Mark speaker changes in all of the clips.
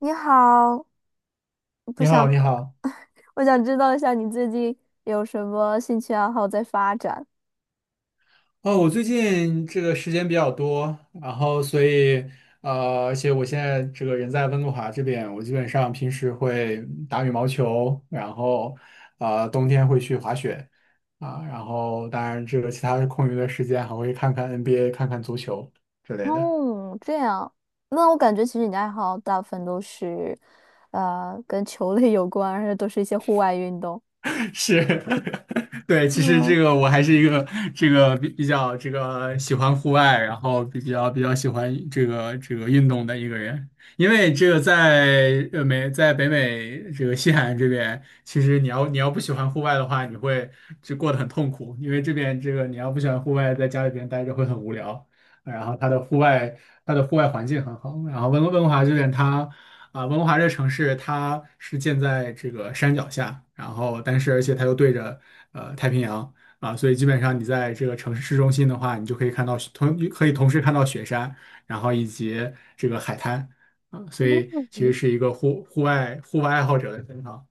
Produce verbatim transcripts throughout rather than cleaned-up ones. Speaker 1: 你好，不
Speaker 2: 你好，
Speaker 1: 想，
Speaker 2: 你好。
Speaker 1: 我想知道一下你最近有什么兴趣爱好在发展。
Speaker 2: 哦，我最近这个时间比较多，然后所以呃，而且我现在这个人在温哥华这边，我基本上平时会打羽毛球，然后呃，冬天会去滑雪。啊，然后当然这个其他空余的时间还会看看 N B A，看看足球之类的。
Speaker 1: 嗯，这样，那我感觉其实你的爱好大部分都是，呃，跟球类有关，而且都是一些户外运动。
Speaker 2: 是，对，其实
Speaker 1: 嗯，
Speaker 2: 这个我还是一个这个比比较这个喜欢户外，然后比较比较喜欢这个这个运动的一个人，因为这个在呃美在北美这个西海岸这边，其实你要你要不喜欢户外的话，你会就过得很痛苦，因为这边这个你要不喜欢户外，在家里边待着会很无聊。然后它的户外它的户外环境很好，然后温哥温哥华这边它。啊，温哥华这个城市，它是建在这个山脚下，然后但是而且它又对着呃太平洋。啊，所以基本上你在这个城市市中心的话，你就可以看到雪同可以同时看到雪山，然后以及这个海滩。啊，所以其实
Speaker 1: 嗯
Speaker 2: 是一个户户外户外爱好者的天堂。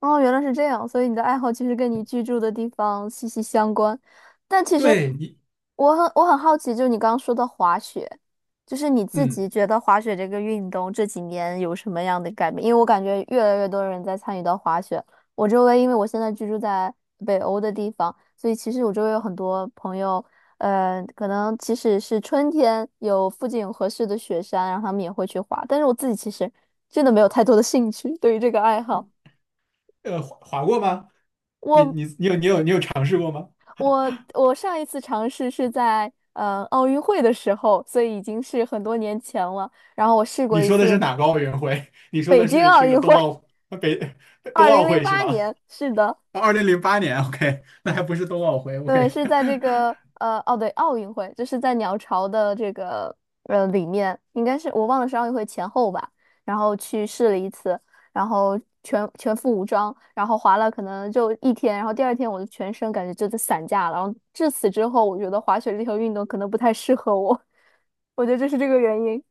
Speaker 1: 哦，原来是这样，所以你的爱好其实跟你居住的地方息息相关。但其实
Speaker 2: 对你，
Speaker 1: 我很我很好奇，就是你刚刚说的滑雪，就是你自
Speaker 2: 嗯，
Speaker 1: 己觉得滑雪这个运动这几年有什么样的改变？因为我感觉越来越多人在参与到滑雪。我周围，因为我现在居住在北欧的地方，所以其实我周围有很多朋友，呃，可能即使是春天有附近有合适的雪山，然后他们也会去滑。但是我自己其实真的没有太多的兴趣对于这个爱好。
Speaker 2: 呃，滑滑过吗？你
Speaker 1: 我
Speaker 2: 你你有你有你有尝试过吗？
Speaker 1: 我我上一次尝试是在呃奥运会的时候，所以已经是很多年前了。然后我试过
Speaker 2: 你
Speaker 1: 一
Speaker 2: 说的是
Speaker 1: 次
Speaker 2: 哪个奥运会？你说
Speaker 1: 北
Speaker 2: 的
Speaker 1: 京
Speaker 2: 是
Speaker 1: 奥
Speaker 2: 这个
Speaker 1: 运会，
Speaker 2: 冬奥北
Speaker 1: 二
Speaker 2: 冬
Speaker 1: 零
Speaker 2: 奥
Speaker 1: 零
Speaker 2: 会是
Speaker 1: 八
Speaker 2: 吗？
Speaker 1: 年，是的。
Speaker 2: 二零零八年，OK，那还不是冬奥会
Speaker 1: 对，
Speaker 2: ，OK，
Speaker 1: 是在这个呃，哦对，奥运会就是在鸟巢的这个呃里面，应该是我忘了是奥运会前后吧，然后去试了一次，然后全全副武装，然后滑了可能就一天，然后第二天我的全身感觉就在散架了，然后至此之后，我觉得滑雪这项运动可能不太适合我，我觉得这是这个原因，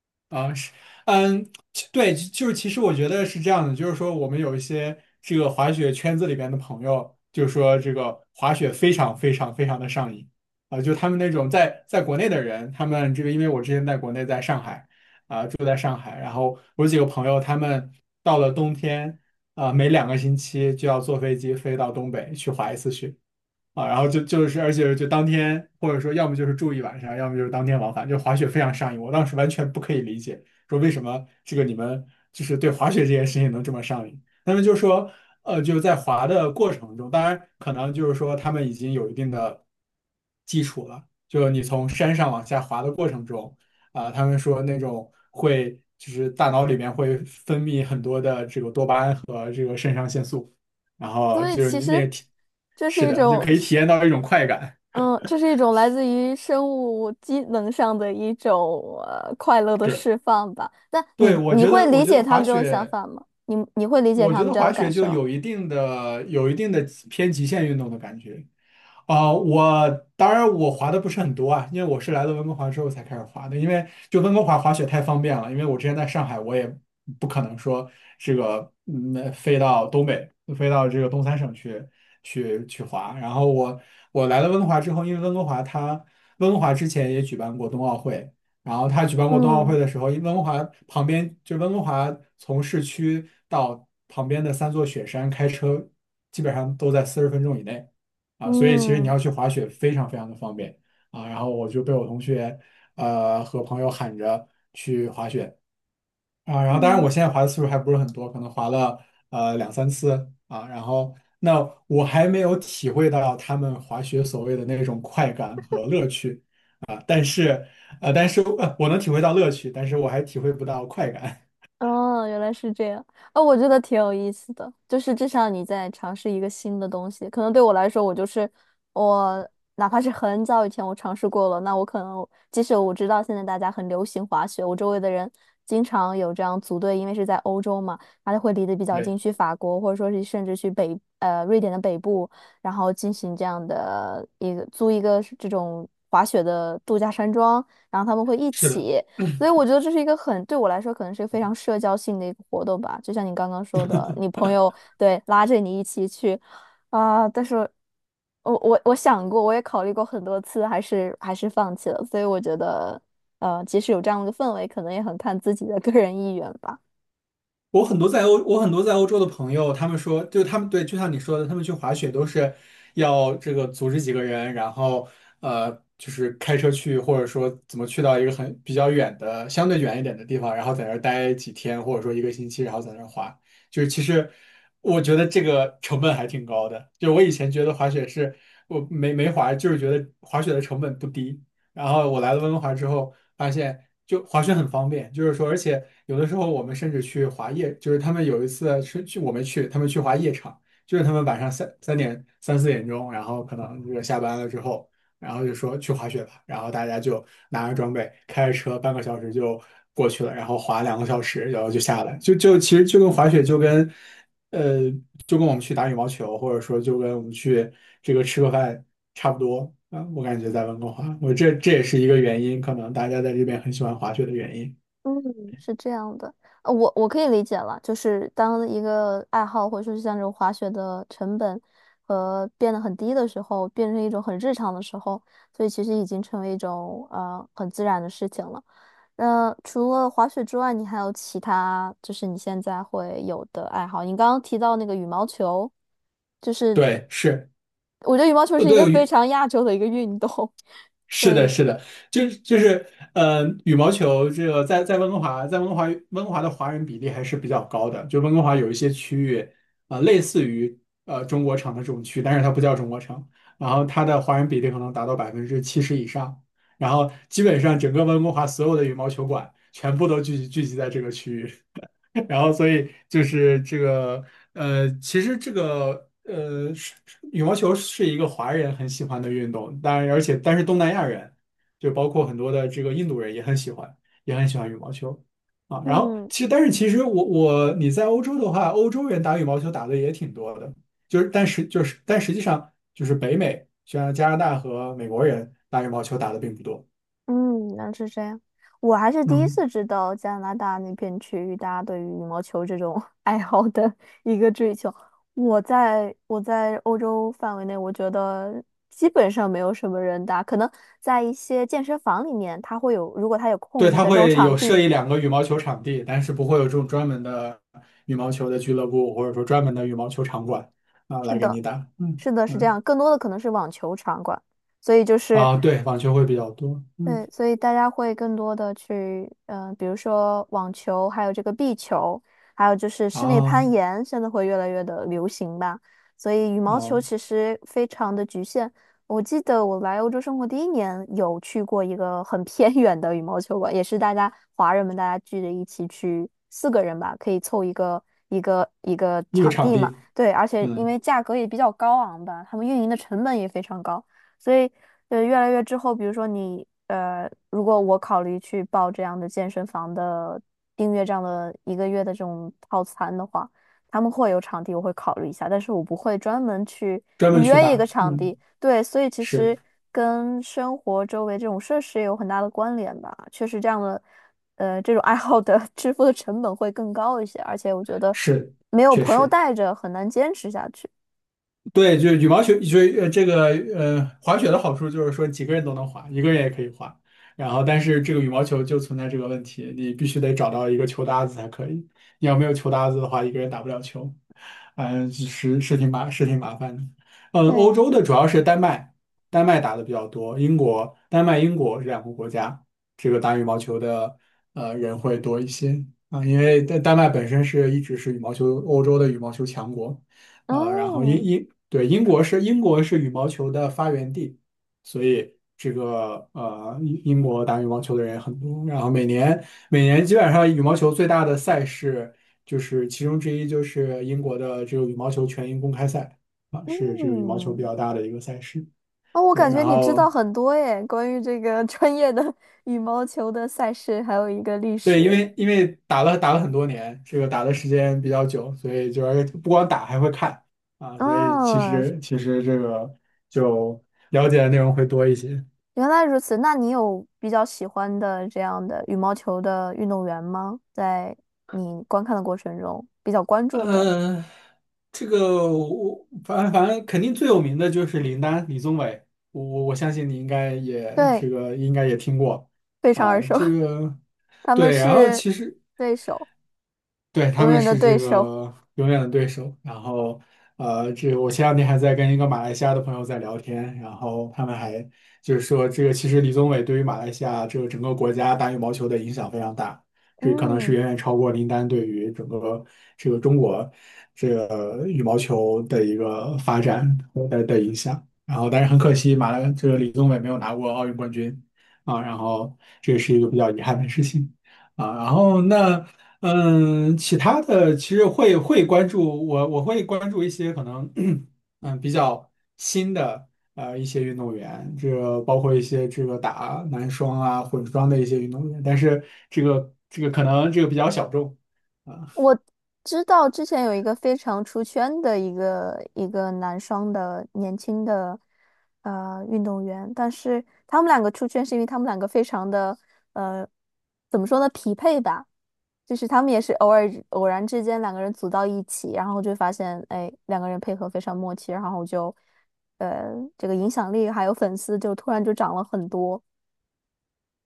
Speaker 2: 啊是，嗯，其对，就就是其实我觉得是这样的，就是说我们有一些这个滑雪圈子里边的朋友，就说这个滑雪非常非常非常的上瘾。啊，就他们那种在在国内的人，他们这个因为我之前在国内在上海。啊，住在上海，然后我有几个朋友他们到了冬天。啊，每两个星期就要坐飞机飞到东北去滑一次雪。啊，然后就就是而且就当天或者说要么就是住一晚上，要么就是当天往返，就滑雪非常上瘾。我当时完全不可以理解，说为什么这个你们就是对滑雪这件事情能这么上瘾。那么就说，呃，就是在滑的过程中，当然可能就是说他们已经有一定的基础了，就你从山上往下滑的过程中。啊、他们说那种会就是大脑里面会分泌很多的这个多巴胺和这个肾上腺素。然后
Speaker 1: 所以
Speaker 2: 就是
Speaker 1: 其
Speaker 2: 你
Speaker 1: 实
Speaker 2: 那体，
Speaker 1: 这
Speaker 2: 是
Speaker 1: 是一
Speaker 2: 的，就
Speaker 1: 种
Speaker 2: 可以体
Speaker 1: 是。
Speaker 2: 验到一种快感。
Speaker 1: 嗯，这是一种来自于生物机能上的一种呃快乐的
Speaker 2: 是，
Speaker 1: 释放吧。那你
Speaker 2: 对，我
Speaker 1: 你
Speaker 2: 觉
Speaker 1: 会
Speaker 2: 得，我
Speaker 1: 理
Speaker 2: 觉得
Speaker 1: 解他
Speaker 2: 滑
Speaker 1: 们这种想
Speaker 2: 雪，
Speaker 1: 法吗？你你会理解
Speaker 2: 我
Speaker 1: 他
Speaker 2: 觉
Speaker 1: 们
Speaker 2: 得
Speaker 1: 这样的
Speaker 2: 滑雪
Speaker 1: 感
Speaker 2: 就
Speaker 1: 受？
Speaker 2: 有一定的、有一定的偏极限运动的感觉。啊、我当然我滑的不是很多。啊，因为我是来了温哥华之后才开始滑的。因为就温哥华滑雪太方便了，因为我之前在上海，我也不可能说这个嗯飞到东北，飞到这个东三省去去去滑。然后我我来了温哥华之后，因为温哥华它温哥华之前也举办过冬奥会，然后它举办过冬奥
Speaker 1: 嗯
Speaker 2: 会的时候，因为温哥华旁边就温哥华从市区到旁边的三座雪山开车基本上都在四十分钟以内。啊，所以其实你
Speaker 1: 嗯
Speaker 2: 要去滑雪非常非常的方便。啊。然后我就被我同学呃和朋友喊着去滑雪。啊。然后当然
Speaker 1: 嗯。
Speaker 2: 我现在滑的次数还不是很多，可能滑了呃两三次。啊。然后那我还没有体会到他们滑雪所谓的那种快感和乐趣。啊呃，但是呃我能体会到乐趣，但是我还体会不到快感。
Speaker 1: 哦，原来是这样。哦，我觉得挺有意思的，就是至少你在尝试一个新的东西。可能对我来说，我就是我，哪怕是很早以前我尝试过了，那我可能即使我知道现在大家很流行滑雪，我周围的人经常有这样组队，因为是在欧洲嘛，他就会离得比 较
Speaker 2: 对，
Speaker 1: 近，去法国或者说是甚至去北呃瑞典的北部，然后进行这样的一个租一个这种滑雪的度假山庄，然后他们会一
Speaker 2: 是的。
Speaker 1: 起。所以我觉得这是一个很，对我来说可能是一个非常社交性的一个活动吧，就像你刚刚说的，你朋友对拉着你一起去啊、但是我我我想过，我也考虑过很多次，还是还是放弃了。所以我觉得，呃，即使有这样的氛围，可能也很看自己的个人意愿吧。
Speaker 2: 我很多在欧，我很多在欧洲的朋友，他们说，就他们对，就像你说的，他们去滑雪都是要这个组织几个人，然后呃，就是开车去，或者说怎么去到一个很比较远的、相对远一点的地方，然后在那儿待几天，或者说一个星期，然后在那儿滑。就是其实我觉得这个成本还挺高的。就我以前觉得滑雪是我没没滑，就是觉得滑雪的成本不低。然后我来了温哥华之后，发现就滑雪很方便，就是说，而且有的时候我们甚至去滑夜，就是他们有一次是去我没去，他们去滑夜场，就是他们晚上三三点三四点钟，然后可能就个下班了之后，然后就说去滑雪吧，然后大家就拿着装备开着车半个小时就过去了，然后滑两个小时，然后就下来，就就其实就跟滑雪就跟呃就跟我们去打羽毛球，或者说就跟我们去这个吃个饭差不多。啊，我感觉在温哥华，我这这也是一个原因，可能大家在这边很喜欢滑雪的原因。
Speaker 1: 嗯，是这样的，呃，我我可以理解了，就是当一个爱好或者说是像这种滑雪的成本和变得很低的时候，变成一种很日常的时候，所以其实已经成为一种呃很自然的事情了。那除了滑雪之外，你还有其他就是你现在会有的爱好？你刚刚提到那个羽毛球，就是
Speaker 2: 对，是
Speaker 1: 我觉得羽毛球
Speaker 2: 呃，
Speaker 1: 是一个
Speaker 2: 对，
Speaker 1: 非
Speaker 2: 羽
Speaker 1: 常亚洲的一个运动，所
Speaker 2: 是的，
Speaker 1: 以。
Speaker 2: 是的，就是就是，呃，羽毛球这个在在温哥华，在温哥华温哥华的华人比例还是比较高的。就温哥华有一些区域。啊，类似于呃中国城的这种区，但是它不叫中国城，然后它的华人比例可能达到百分之七十以上，然后基本上整个温哥华所有的羽毛球馆全部都聚集聚集在这个区域。然后所以就是这个呃，其实这个呃，是是羽毛球是一个华人很喜欢的运动，当然而且但是东南亚人就包括很多的这个印度人也很喜欢，也很喜欢羽毛球。啊。然后
Speaker 1: 嗯。
Speaker 2: 其实但是其实我我你在欧洲的话，欧洲人打羽毛球打的也挺多的，就是但是就是但实际上就是北美，像加拿大和美国人打羽毛球打的并不多。
Speaker 1: 嗯，那是这样。我还是第一
Speaker 2: 嗯。
Speaker 1: 次知道加拿大那片区域大家对于羽毛球这种 爱好的一个追求。我在我在欧洲范围内，我觉得基本上没有什么人打，可能在一些健身房里面，它会有，如果它有
Speaker 2: 对，
Speaker 1: 空余
Speaker 2: 它
Speaker 1: 的这种
Speaker 2: 会
Speaker 1: 场
Speaker 2: 有
Speaker 1: 地，
Speaker 2: 设一两个羽毛球场地，但是不会有这种专门的羽毛球的俱乐部，或者说专门的羽毛球场馆。啊，
Speaker 1: 是
Speaker 2: 来给
Speaker 1: 的，
Speaker 2: 你打。嗯
Speaker 1: 是的，是这
Speaker 2: 嗯。
Speaker 1: 样。更多的可能是网球场馆，所以就是。
Speaker 2: 啊，对，网球会比较多。嗯。
Speaker 1: 对，所以大家会更多的去，嗯，比如说网球，还有这个壁球，还有就是室内
Speaker 2: 啊
Speaker 1: 攀岩，现在会越来越的流行吧。所以羽毛球
Speaker 2: 哦，
Speaker 1: 其实非常的局限。我记得我来欧洲生活第一年，有去过一个很偏 远的羽毛球馆，也是大家华人们大家聚着一起去，四个人吧，可以凑一个一个一个
Speaker 2: 一个
Speaker 1: 场
Speaker 2: 场
Speaker 1: 地嘛。
Speaker 2: 地，
Speaker 1: 对，而且因为
Speaker 2: 嗯，
Speaker 1: 价格也比较高昂吧，他们运营的成本也非常高。所以对，越来越之后，比如说你呃，如果我考虑去报这样的健身房的订阅这样的一个月的这种套餐的话，他们会有场地，我会考虑一下，但是我不会专门去
Speaker 2: 专
Speaker 1: 预
Speaker 2: 门去
Speaker 1: 约一个
Speaker 2: 打。
Speaker 1: 场
Speaker 2: 嗯，
Speaker 1: 地。对，所以其
Speaker 2: 是
Speaker 1: 实跟生活周围这种设施也有很大的关联吧。确实，这样的呃这种爱好的 支付的成本会更高一些，而且我觉得
Speaker 2: 是，
Speaker 1: 没有
Speaker 2: 确
Speaker 1: 朋友
Speaker 2: 实。
Speaker 1: 带着很难坚持下去。
Speaker 2: 对，就羽毛球，就呃这个呃滑雪的好处就是说几个人都能滑，一个人也可以滑。然后，但是这个羽毛球就存在这个问题，你必须得找到一个球搭子才可以。你要没有球搭子的话，一个人打不了球。嗯，是是挺麻是挺麻烦的。嗯，欧
Speaker 1: 对，
Speaker 2: 洲的主要是丹麦，丹麦打的比较多，英国、丹麦、英国这两个国家，这个打羽毛球的呃人会多一些。啊，因为丹丹麦本身是一直是羽毛球欧洲的羽毛球强国，呃，然后英
Speaker 1: 哦，
Speaker 2: 英对，英国是英国是羽毛球的发源地，所以这个呃英英国打羽毛球的人也很多，然后每年每年基本上羽毛球最大的赛事。就是其中之一就是英国的这个羽毛球全英公开赛。啊，是这个羽毛球比较
Speaker 1: 嗯。
Speaker 2: 大的一个赛事。
Speaker 1: 哦，我
Speaker 2: 对，
Speaker 1: 感
Speaker 2: 然
Speaker 1: 觉你知道
Speaker 2: 后
Speaker 1: 很多耶，关于这个 专业的 羽毛球的赛事，还有一个历
Speaker 2: 对，因
Speaker 1: 史。
Speaker 2: 为因为打了打了很多年，这个打的时间比较久，所以就是不光打还会看。啊，所以其
Speaker 1: 啊，
Speaker 2: 实其实这个就了解的内容会多一些。
Speaker 1: 原来如此。那你有比较喜欢的这样的羽毛球的运动员吗？在你观看的过程中，比较关注的？
Speaker 2: 呃，这个我反正反正肯定最有名的就是林丹李宗伟，我我我相信你应该也
Speaker 1: 对，
Speaker 2: 这个应该也听过。
Speaker 1: 非常耳
Speaker 2: 啊，
Speaker 1: 熟，
Speaker 2: 这个。
Speaker 1: 他们
Speaker 2: 对，然后
Speaker 1: 是
Speaker 2: 其实
Speaker 1: 对手，
Speaker 2: 对，他
Speaker 1: 永
Speaker 2: 们
Speaker 1: 远的
Speaker 2: 是
Speaker 1: 对
Speaker 2: 这
Speaker 1: 手。
Speaker 2: 个永远的对手。然后，呃，这我前两天还在跟一个马来西亚的朋友在聊天，然后他们还就是说，这个其实李宗伟对于马来西亚这个整个国家打羽毛球的影响非常大，这可能是
Speaker 1: 嗯。
Speaker 2: 远远超过林丹对于整个这个中国这个羽毛球的一个发展的的影响。然后，但是很可惜，马来这个李宗伟没有拿过奥运冠军。啊，然后这也是一个比较遗憾的事情。啊，然后那嗯，其他的其实会会关注我，我会关注一些可能，嗯，比较新的呃一些运动员，这个包括一些这个打男双啊、混双的一些运动员，但是这个这个可能这个比较小众，
Speaker 1: 我知道之前有一个非常出圈的一个一个男双的年轻的呃运动员，但是他们两个出圈是因为他们两个非常的呃怎么说呢匹配吧，就是他们也是偶尔偶然之间两个人组到一起，然后就发现哎两个人配合非常默契，然后就呃这个影响力还有粉丝就突然就涨了很多。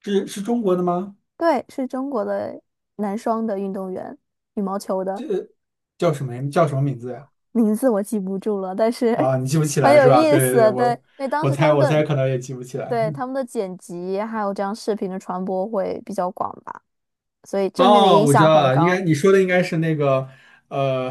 Speaker 2: 是是中国的吗？
Speaker 1: 对，是中国的男双的运动员，羽毛球的。
Speaker 2: 叫什么呀叫什么名字呀？
Speaker 1: 名字我记不住了，但是
Speaker 2: 啊，你记不起
Speaker 1: 很
Speaker 2: 来
Speaker 1: 有
Speaker 2: 是吧？
Speaker 1: 意
Speaker 2: 对对对，
Speaker 1: 思。对，因
Speaker 2: 我
Speaker 1: 为当
Speaker 2: 我
Speaker 1: 时他
Speaker 2: 猜
Speaker 1: 们
Speaker 2: 我
Speaker 1: 的
Speaker 2: 猜可能也记不起来。
Speaker 1: 对他们的剪辑还有这样视频的传播会比较广吧，所以正面的
Speaker 2: 哦，
Speaker 1: 影
Speaker 2: 我知
Speaker 1: 响
Speaker 2: 道
Speaker 1: 很
Speaker 2: 了，应该
Speaker 1: 高。
Speaker 2: 你说的应该是那个呃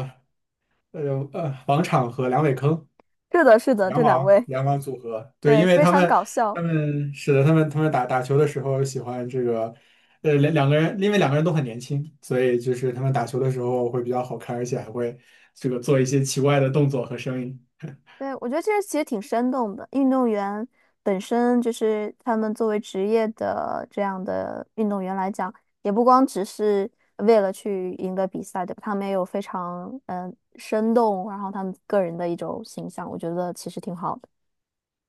Speaker 2: 呃呃呃王昶和梁伟铿。
Speaker 1: 是的，是的，
Speaker 2: 羊
Speaker 1: 这两
Speaker 2: 王
Speaker 1: 位。
Speaker 2: 羊王组合，对，
Speaker 1: 对，
Speaker 2: 因为
Speaker 1: 非
Speaker 2: 他
Speaker 1: 常
Speaker 2: 们
Speaker 1: 搞
Speaker 2: 他
Speaker 1: 笑。
Speaker 2: 们是的，他们他们打打球的时候喜欢这个，呃，两两个人，因为两个人都很年轻，所以就是他们打球的时候会比较好看，而且还会这个做一些奇怪的动作和声音。
Speaker 1: 对，我觉得这个其实挺生动的。运动员本身就是他们作为职业的这样的运动员来讲，也不光只是为了去赢得比赛，对吧？他们也有非常嗯、呃生动，然后他们个人的一种形象，我觉得其实挺好的。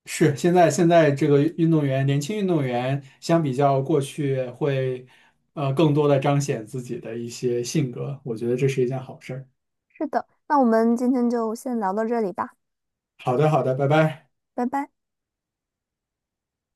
Speaker 2: 是，现在现在这个运动员，年轻运动员相比较过去会，呃，更多的彰显自己的一些性格，我觉得这是一件好事儿。
Speaker 1: 是的，那我们今天就先聊到这里吧，
Speaker 2: 好的，好的，拜拜。
Speaker 1: 拜拜。